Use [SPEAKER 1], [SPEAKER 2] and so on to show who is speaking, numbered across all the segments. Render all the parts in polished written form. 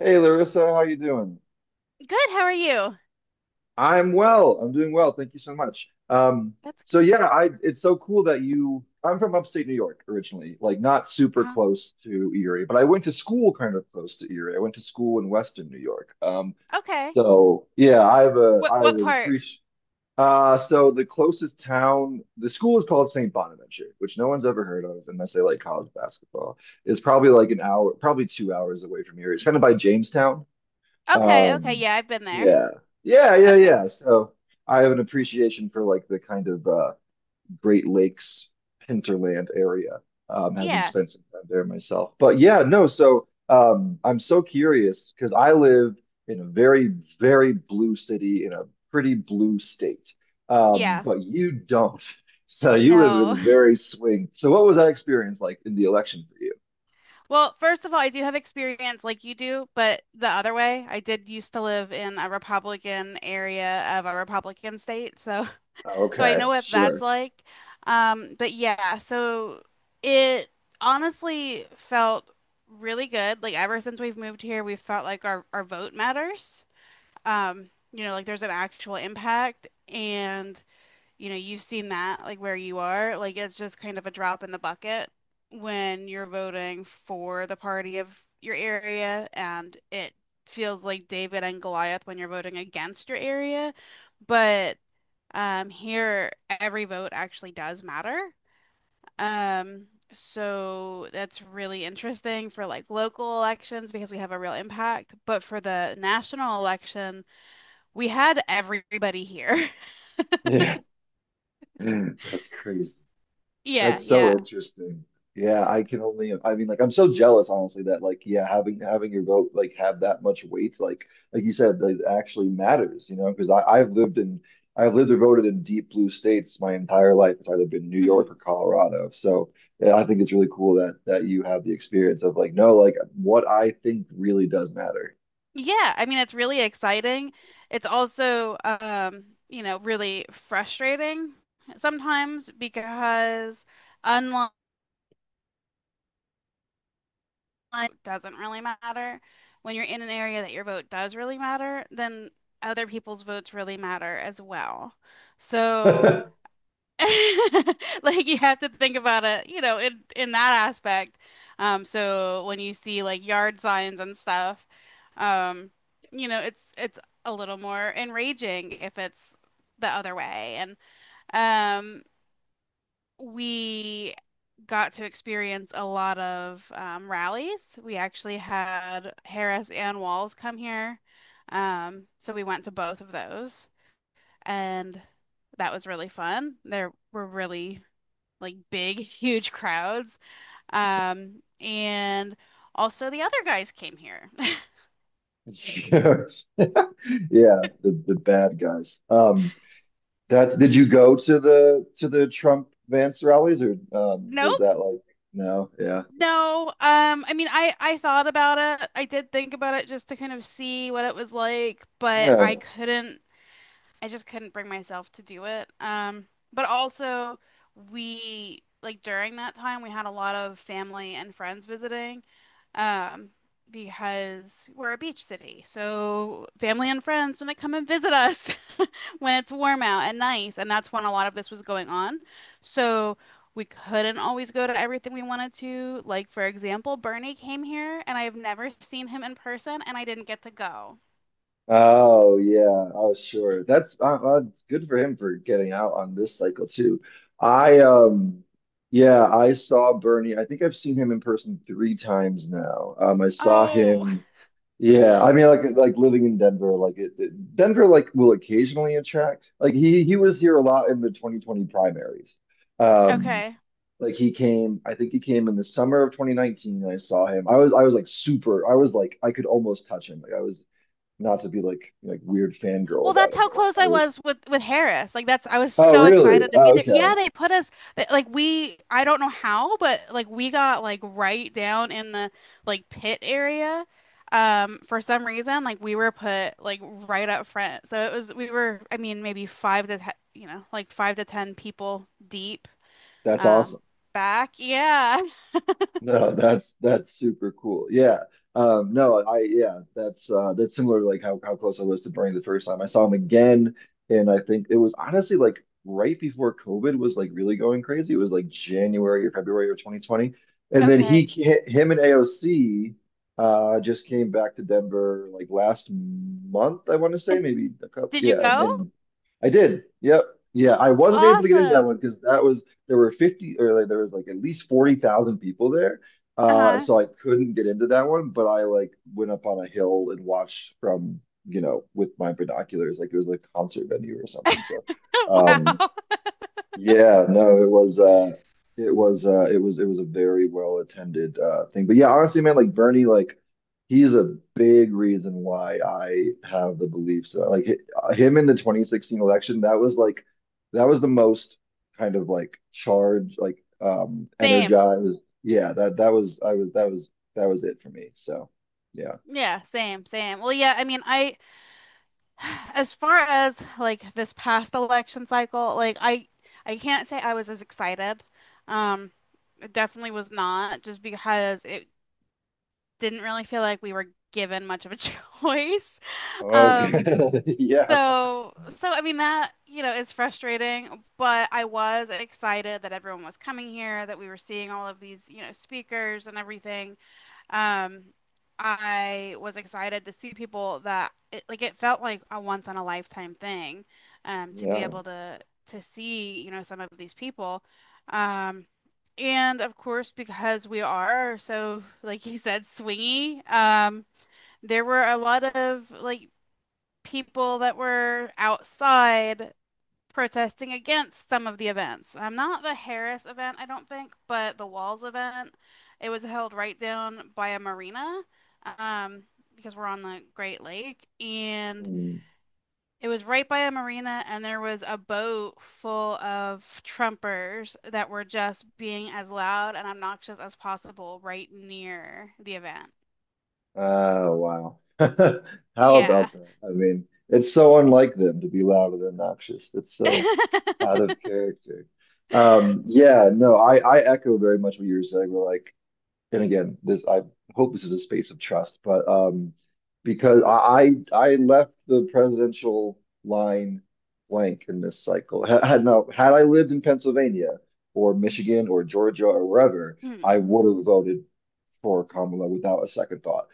[SPEAKER 1] Hey Larissa, how you doing?
[SPEAKER 2] Good, how are you?
[SPEAKER 1] I'm well. I'm doing well. Thank you so much.
[SPEAKER 2] That's
[SPEAKER 1] So
[SPEAKER 2] good.
[SPEAKER 1] yeah, I it's so cool that you I'm from upstate New York originally, like not super
[SPEAKER 2] Uh-huh.
[SPEAKER 1] close to Erie, but I went to school kind of close to Erie. I went to school in Western New York.
[SPEAKER 2] Okay. What
[SPEAKER 1] I have
[SPEAKER 2] what
[SPEAKER 1] a
[SPEAKER 2] part?
[SPEAKER 1] appreci so the closest town, the school is called St. Bonaventure, which no one's ever heard of unless they like college basketball. It's probably like an hour, probably 2 hours away from here. It's kind of by Jamestown.
[SPEAKER 2] Okay, okay,
[SPEAKER 1] Um,
[SPEAKER 2] yeah, I've been there.
[SPEAKER 1] yeah, yeah, yeah,
[SPEAKER 2] Okay.
[SPEAKER 1] yeah. So I have an appreciation for like the kind of Great Lakes hinterland area, having
[SPEAKER 2] Yeah.
[SPEAKER 1] spent some time there myself. But yeah, no. So I'm so curious because I live in a very, very blue city in a pretty blue state,
[SPEAKER 2] Yeah.
[SPEAKER 1] but you don't. So you live in
[SPEAKER 2] No.
[SPEAKER 1] a very swing. So what was that experience like in the election for you?
[SPEAKER 2] Well, first of all, I do have experience like you do, but the other way, I did used to live in a Republican area of a Republican state, so so I know
[SPEAKER 1] Okay,
[SPEAKER 2] what that's
[SPEAKER 1] sure.
[SPEAKER 2] like. But yeah, so it honestly felt really good. Like ever since we've moved here, we've felt like our vote matters. You know, like there's an actual impact, and you know, you've seen that like where you are, like it's just kind of a drop in the bucket when you're voting for the party of your area, and it feels like David and Goliath when you're voting against your area. But here every vote actually does matter. So that's really interesting for like local elections because we have a real impact. But for the national election, we had everybody here.
[SPEAKER 1] Yeah, that's crazy.
[SPEAKER 2] Yeah,
[SPEAKER 1] That's
[SPEAKER 2] yeah.
[SPEAKER 1] so interesting. Yeah, I can only, I mean, like, I'm so jealous, honestly, that like, yeah, having your vote like have that much weight, like you said, that it actually matters, you know, because I've lived or voted in deep blue states my entire life. It's either been New York
[SPEAKER 2] Hmm.
[SPEAKER 1] or Colorado. So yeah, I think it's really cool that you have the experience of like, no, like what I think really does matter.
[SPEAKER 2] Yeah, I mean it's really exciting. It's also you know, really frustrating sometimes because unlike it doesn't really matter. When you're in an area that your vote does really matter, then other people's votes really matter as well. So like you have to think about it, you know, in that aspect. So when you see like yard signs and stuff, um, you know, it's a little more enraging if it's the other way. And um, we got to experience a lot of rallies. We actually had Harris and Walls come here, so we went to both of those, and that was really fun. There were really like big, huge crowds. And also the other guys came here.
[SPEAKER 1] Yeah, the bad guys. That did you go to the Trump Vance rallies or was
[SPEAKER 2] Nope.
[SPEAKER 1] that like no? Yeah,
[SPEAKER 2] No. I mean, I thought about it. I did think about it just to kind of see what it was like, but I
[SPEAKER 1] yeah.
[SPEAKER 2] couldn't. I just couldn't bring myself to do it. But also, we like during that time we had a lot of family and friends visiting, um, because we're a beach city. So family and friends when they come and visit us when it's warm out and nice, and that's when a lot of this was going on. So we couldn't always go to everything we wanted to. Like for example, Bernie came here, and I have never seen him in person, and I didn't get to go.
[SPEAKER 1] Oh yeah. Oh sure. That's it's good for him for getting out on this cycle too. I um yeah, I saw Bernie. I think I've seen him in person 3 times now. I saw
[SPEAKER 2] Oh,
[SPEAKER 1] him. Yeah, I mean like living in Denver, like Denver like will occasionally attract. Like he was here a lot in the 2020 primaries. Um,
[SPEAKER 2] okay.
[SPEAKER 1] Like he came, I think he came in the summer of 2019. And I saw him. I was like super. I was like I could almost touch him. Like I was not to be like weird fangirl
[SPEAKER 2] Well,
[SPEAKER 1] about
[SPEAKER 2] that's
[SPEAKER 1] it,
[SPEAKER 2] how
[SPEAKER 1] but like
[SPEAKER 2] close
[SPEAKER 1] I
[SPEAKER 2] I
[SPEAKER 1] was.
[SPEAKER 2] was with Harris. Like that's I was
[SPEAKER 1] Oh
[SPEAKER 2] so
[SPEAKER 1] really?
[SPEAKER 2] excited to be
[SPEAKER 1] Oh
[SPEAKER 2] there.
[SPEAKER 1] okay,
[SPEAKER 2] Yeah, they put us like we I don't know how, but like we got like right down in the like pit area. For some reason, like we were put like right up front. So it was we were I mean maybe five to ten, you know, like five to ten people deep.
[SPEAKER 1] that's
[SPEAKER 2] Um,
[SPEAKER 1] awesome.
[SPEAKER 2] Back. Yeah.
[SPEAKER 1] No, that's super cool. Yeah. No, I yeah, that's similar to like how close I was to Bernie the first time. I saw him again and I think it was honestly like right before COVID was like really going crazy. It was like January or February of 2020. And then
[SPEAKER 2] Okay.
[SPEAKER 1] him and AOC just came back to Denver like last month, I want to say,
[SPEAKER 2] And
[SPEAKER 1] maybe a couple
[SPEAKER 2] did you
[SPEAKER 1] yeah,
[SPEAKER 2] go?
[SPEAKER 1] and I did. Yep. Yeah, I wasn't able to get into that
[SPEAKER 2] Awesome.
[SPEAKER 1] one because that was there were 50 or like, there was like at least 40,000 people there. Uh,
[SPEAKER 2] Uh-huh.
[SPEAKER 1] so I couldn't get into that one, but I like went up on a hill and watched from, you know, with my binoculars, like it was like a concert venue or something. So, um,
[SPEAKER 2] Wow.
[SPEAKER 1] yeah, no, it was it was a very well attended thing. But yeah, honestly, man, like Bernie, like he's a big reason why I have the beliefs that like him in the 2016 election, that was like that was the most kind of like charged, like
[SPEAKER 2] Same.
[SPEAKER 1] energized. Yeah, that that was I was that was that was it for me. So yeah.
[SPEAKER 2] Yeah, same, same. Well, yeah, I mean, I as far as like this past election cycle, like I can't say I was as excited. Um, it definitely was not just because it didn't really feel like we were given much of a choice.
[SPEAKER 1] Okay.
[SPEAKER 2] Um,
[SPEAKER 1] Yeah.
[SPEAKER 2] so I mean that, you know, is frustrating, but I was excited that everyone was coming here, that we were seeing all of these, you know, speakers and everything. Um, I was excited to see people that it, like it felt like a once in a lifetime thing, to be
[SPEAKER 1] Yeah.
[SPEAKER 2] able to see, you know, some of these people. Um, and of course, because we are so, like he said, swingy, there were a lot of like people that were outside protesting against some of the events. Not the Harris event, I don't think, but the Walls event. It was held right down by a marina, um, because we're on the Great Lake, and
[SPEAKER 1] Mm.
[SPEAKER 2] it was right by a marina, and there was a boat full of Trumpers that were just being as loud and obnoxious as possible right near the event.
[SPEAKER 1] Oh, wow. How
[SPEAKER 2] Yeah.
[SPEAKER 1] about that? I mean, it's so unlike them to be loud and obnoxious. That's so out of character. Yeah, no, I echo very much what you were saying. We're like, and again, this I hope this is a space of trust, but because I left the presidential line blank in this cycle. Had, had no, had I lived in Pennsylvania or Michigan or Georgia or wherever,
[SPEAKER 2] Hmm.
[SPEAKER 1] I would have voted for Kamala without a second thought.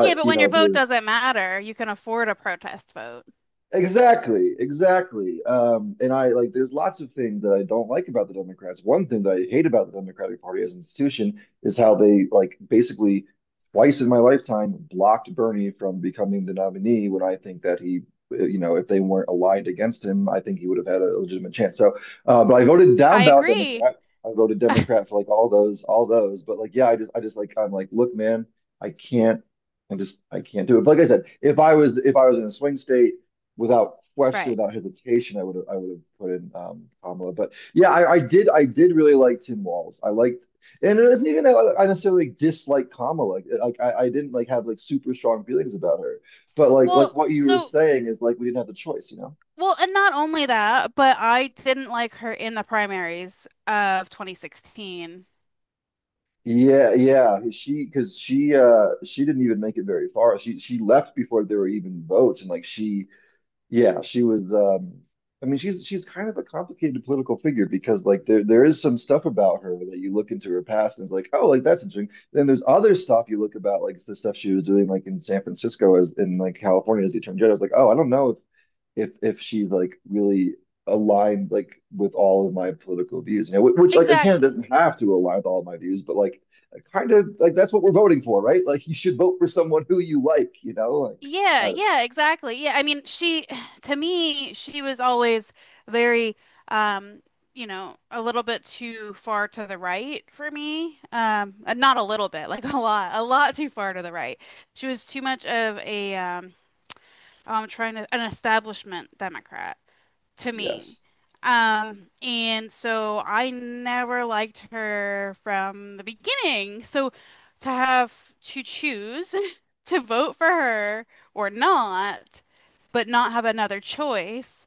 [SPEAKER 2] Yeah, but
[SPEAKER 1] you
[SPEAKER 2] when your
[SPEAKER 1] know,
[SPEAKER 2] vote
[SPEAKER 1] there's
[SPEAKER 2] doesn't matter, you can afford a protest vote.
[SPEAKER 1] Exactly, exactly. And I like there's lots of things that I don't like about the Democrats. One thing that I hate about the Democratic Party as an institution is how they like basically twice in my lifetime blocked Bernie from becoming the nominee when I think that you know, if they weren't aligned against him, I think he would have had a legitimate chance. So, but I voted down
[SPEAKER 2] I
[SPEAKER 1] ballot
[SPEAKER 2] agree.
[SPEAKER 1] Democrat. I voted Democrat for like all those, all those. But like, yeah, I just like, I'm like, look, man, I can't. I can't do it. But like I said, if I was in a swing state without question,
[SPEAKER 2] Right.
[SPEAKER 1] without hesitation, I would have put in Kamala. But yeah, I did really like Tim Walz. I liked, and it isn't even that like, I necessarily dislike Kamala. Like, I didn't like have like super strong feelings about her. But like
[SPEAKER 2] Well,
[SPEAKER 1] what you were
[SPEAKER 2] so
[SPEAKER 1] saying is like we didn't have the choice, you know?
[SPEAKER 2] well, and not only that, but I didn't like her in the primaries of 2016.
[SPEAKER 1] Yeah, yeah. She because she didn't even make it very far. She left before there were even votes, and like she Yeah, she was. I mean, she's kind of a complicated political figure because like there is some stuff about her that you look into her past and it's like, oh, like that's interesting. Then there's other stuff you look about, like the stuff she was doing like in San Francisco as in like California as the attorney general. I was like, oh, I don't know if she's like really aligned like with all of my political views, you know, which like again
[SPEAKER 2] Exactly.
[SPEAKER 1] doesn't have to align with all of my views, but like kind of like that's what we're voting for, right? Like you should vote for someone who you like, you know, like I
[SPEAKER 2] Yeah,
[SPEAKER 1] don't know.
[SPEAKER 2] yeah, exactly. Yeah, I mean, she to me, she was always very um, you know, a little bit too far to the right for me. Not a little bit, like a lot too far to the right. She was too much of a I'm trying to an establishment Democrat. To me.
[SPEAKER 1] Yes.
[SPEAKER 2] And so I never liked her from the beginning. So to have to choose to vote for her or not, but not have another choice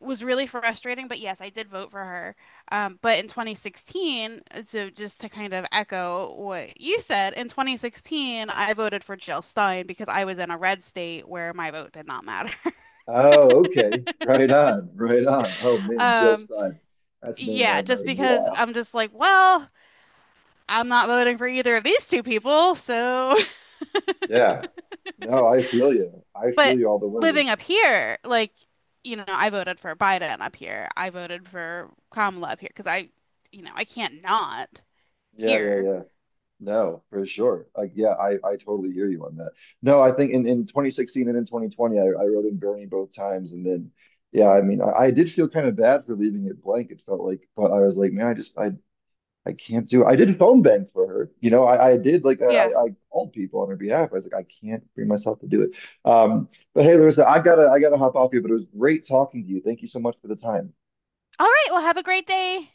[SPEAKER 2] was really frustrating. But yes, I did vote for her. But in 2016, so just to kind of echo what you said, in 2016, I voted for Jill Stein because I was in a red state where my vote did not matter.
[SPEAKER 1] Oh, okay. Right on. Right on. Oh man, Jill
[SPEAKER 2] Um,
[SPEAKER 1] Stein. That's a name I
[SPEAKER 2] yeah,
[SPEAKER 1] haven't
[SPEAKER 2] just
[SPEAKER 1] heard in a
[SPEAKER 2] because
[SPEAKER 1] while.
[SPEAKER 2] I'm just like, well, I'm not voting for either of these two people, so.
[SPEAKER 1] Yeah. No, I feel you. I feel
[SPEAKER 2] But
[SPEAKER 1] you all the way.
[SPEAKER 2] living up here, like, you know, I voted for Biden up here. I voted for Kamala up here because I, you know, I can't not
[SPEAKER 1] Yeah, yeah,
[SPEAKER 2] here.
[SPEAKER 1] yeah. No, for sure. Like, yeah, I totally hear you on that. No, I think in 2016 and in 2020, I wrote in Bernie both times. And then, yeah, I mean, I did feel kind of bad for leaving it blank. It felt like, but I was like, man, I can't do. I did phone bank for her. You know, I did like
[SPEAKER 2] Yeah.
[SPEAKER 1] I called people on her behalf. I was like, I can't bring myself to do it. Um, but hey, Larissa, I gotta hop off here. But it was great talking to you. Thank you so much for the time.
[SPEAKER 2] All right. Well, have a great day.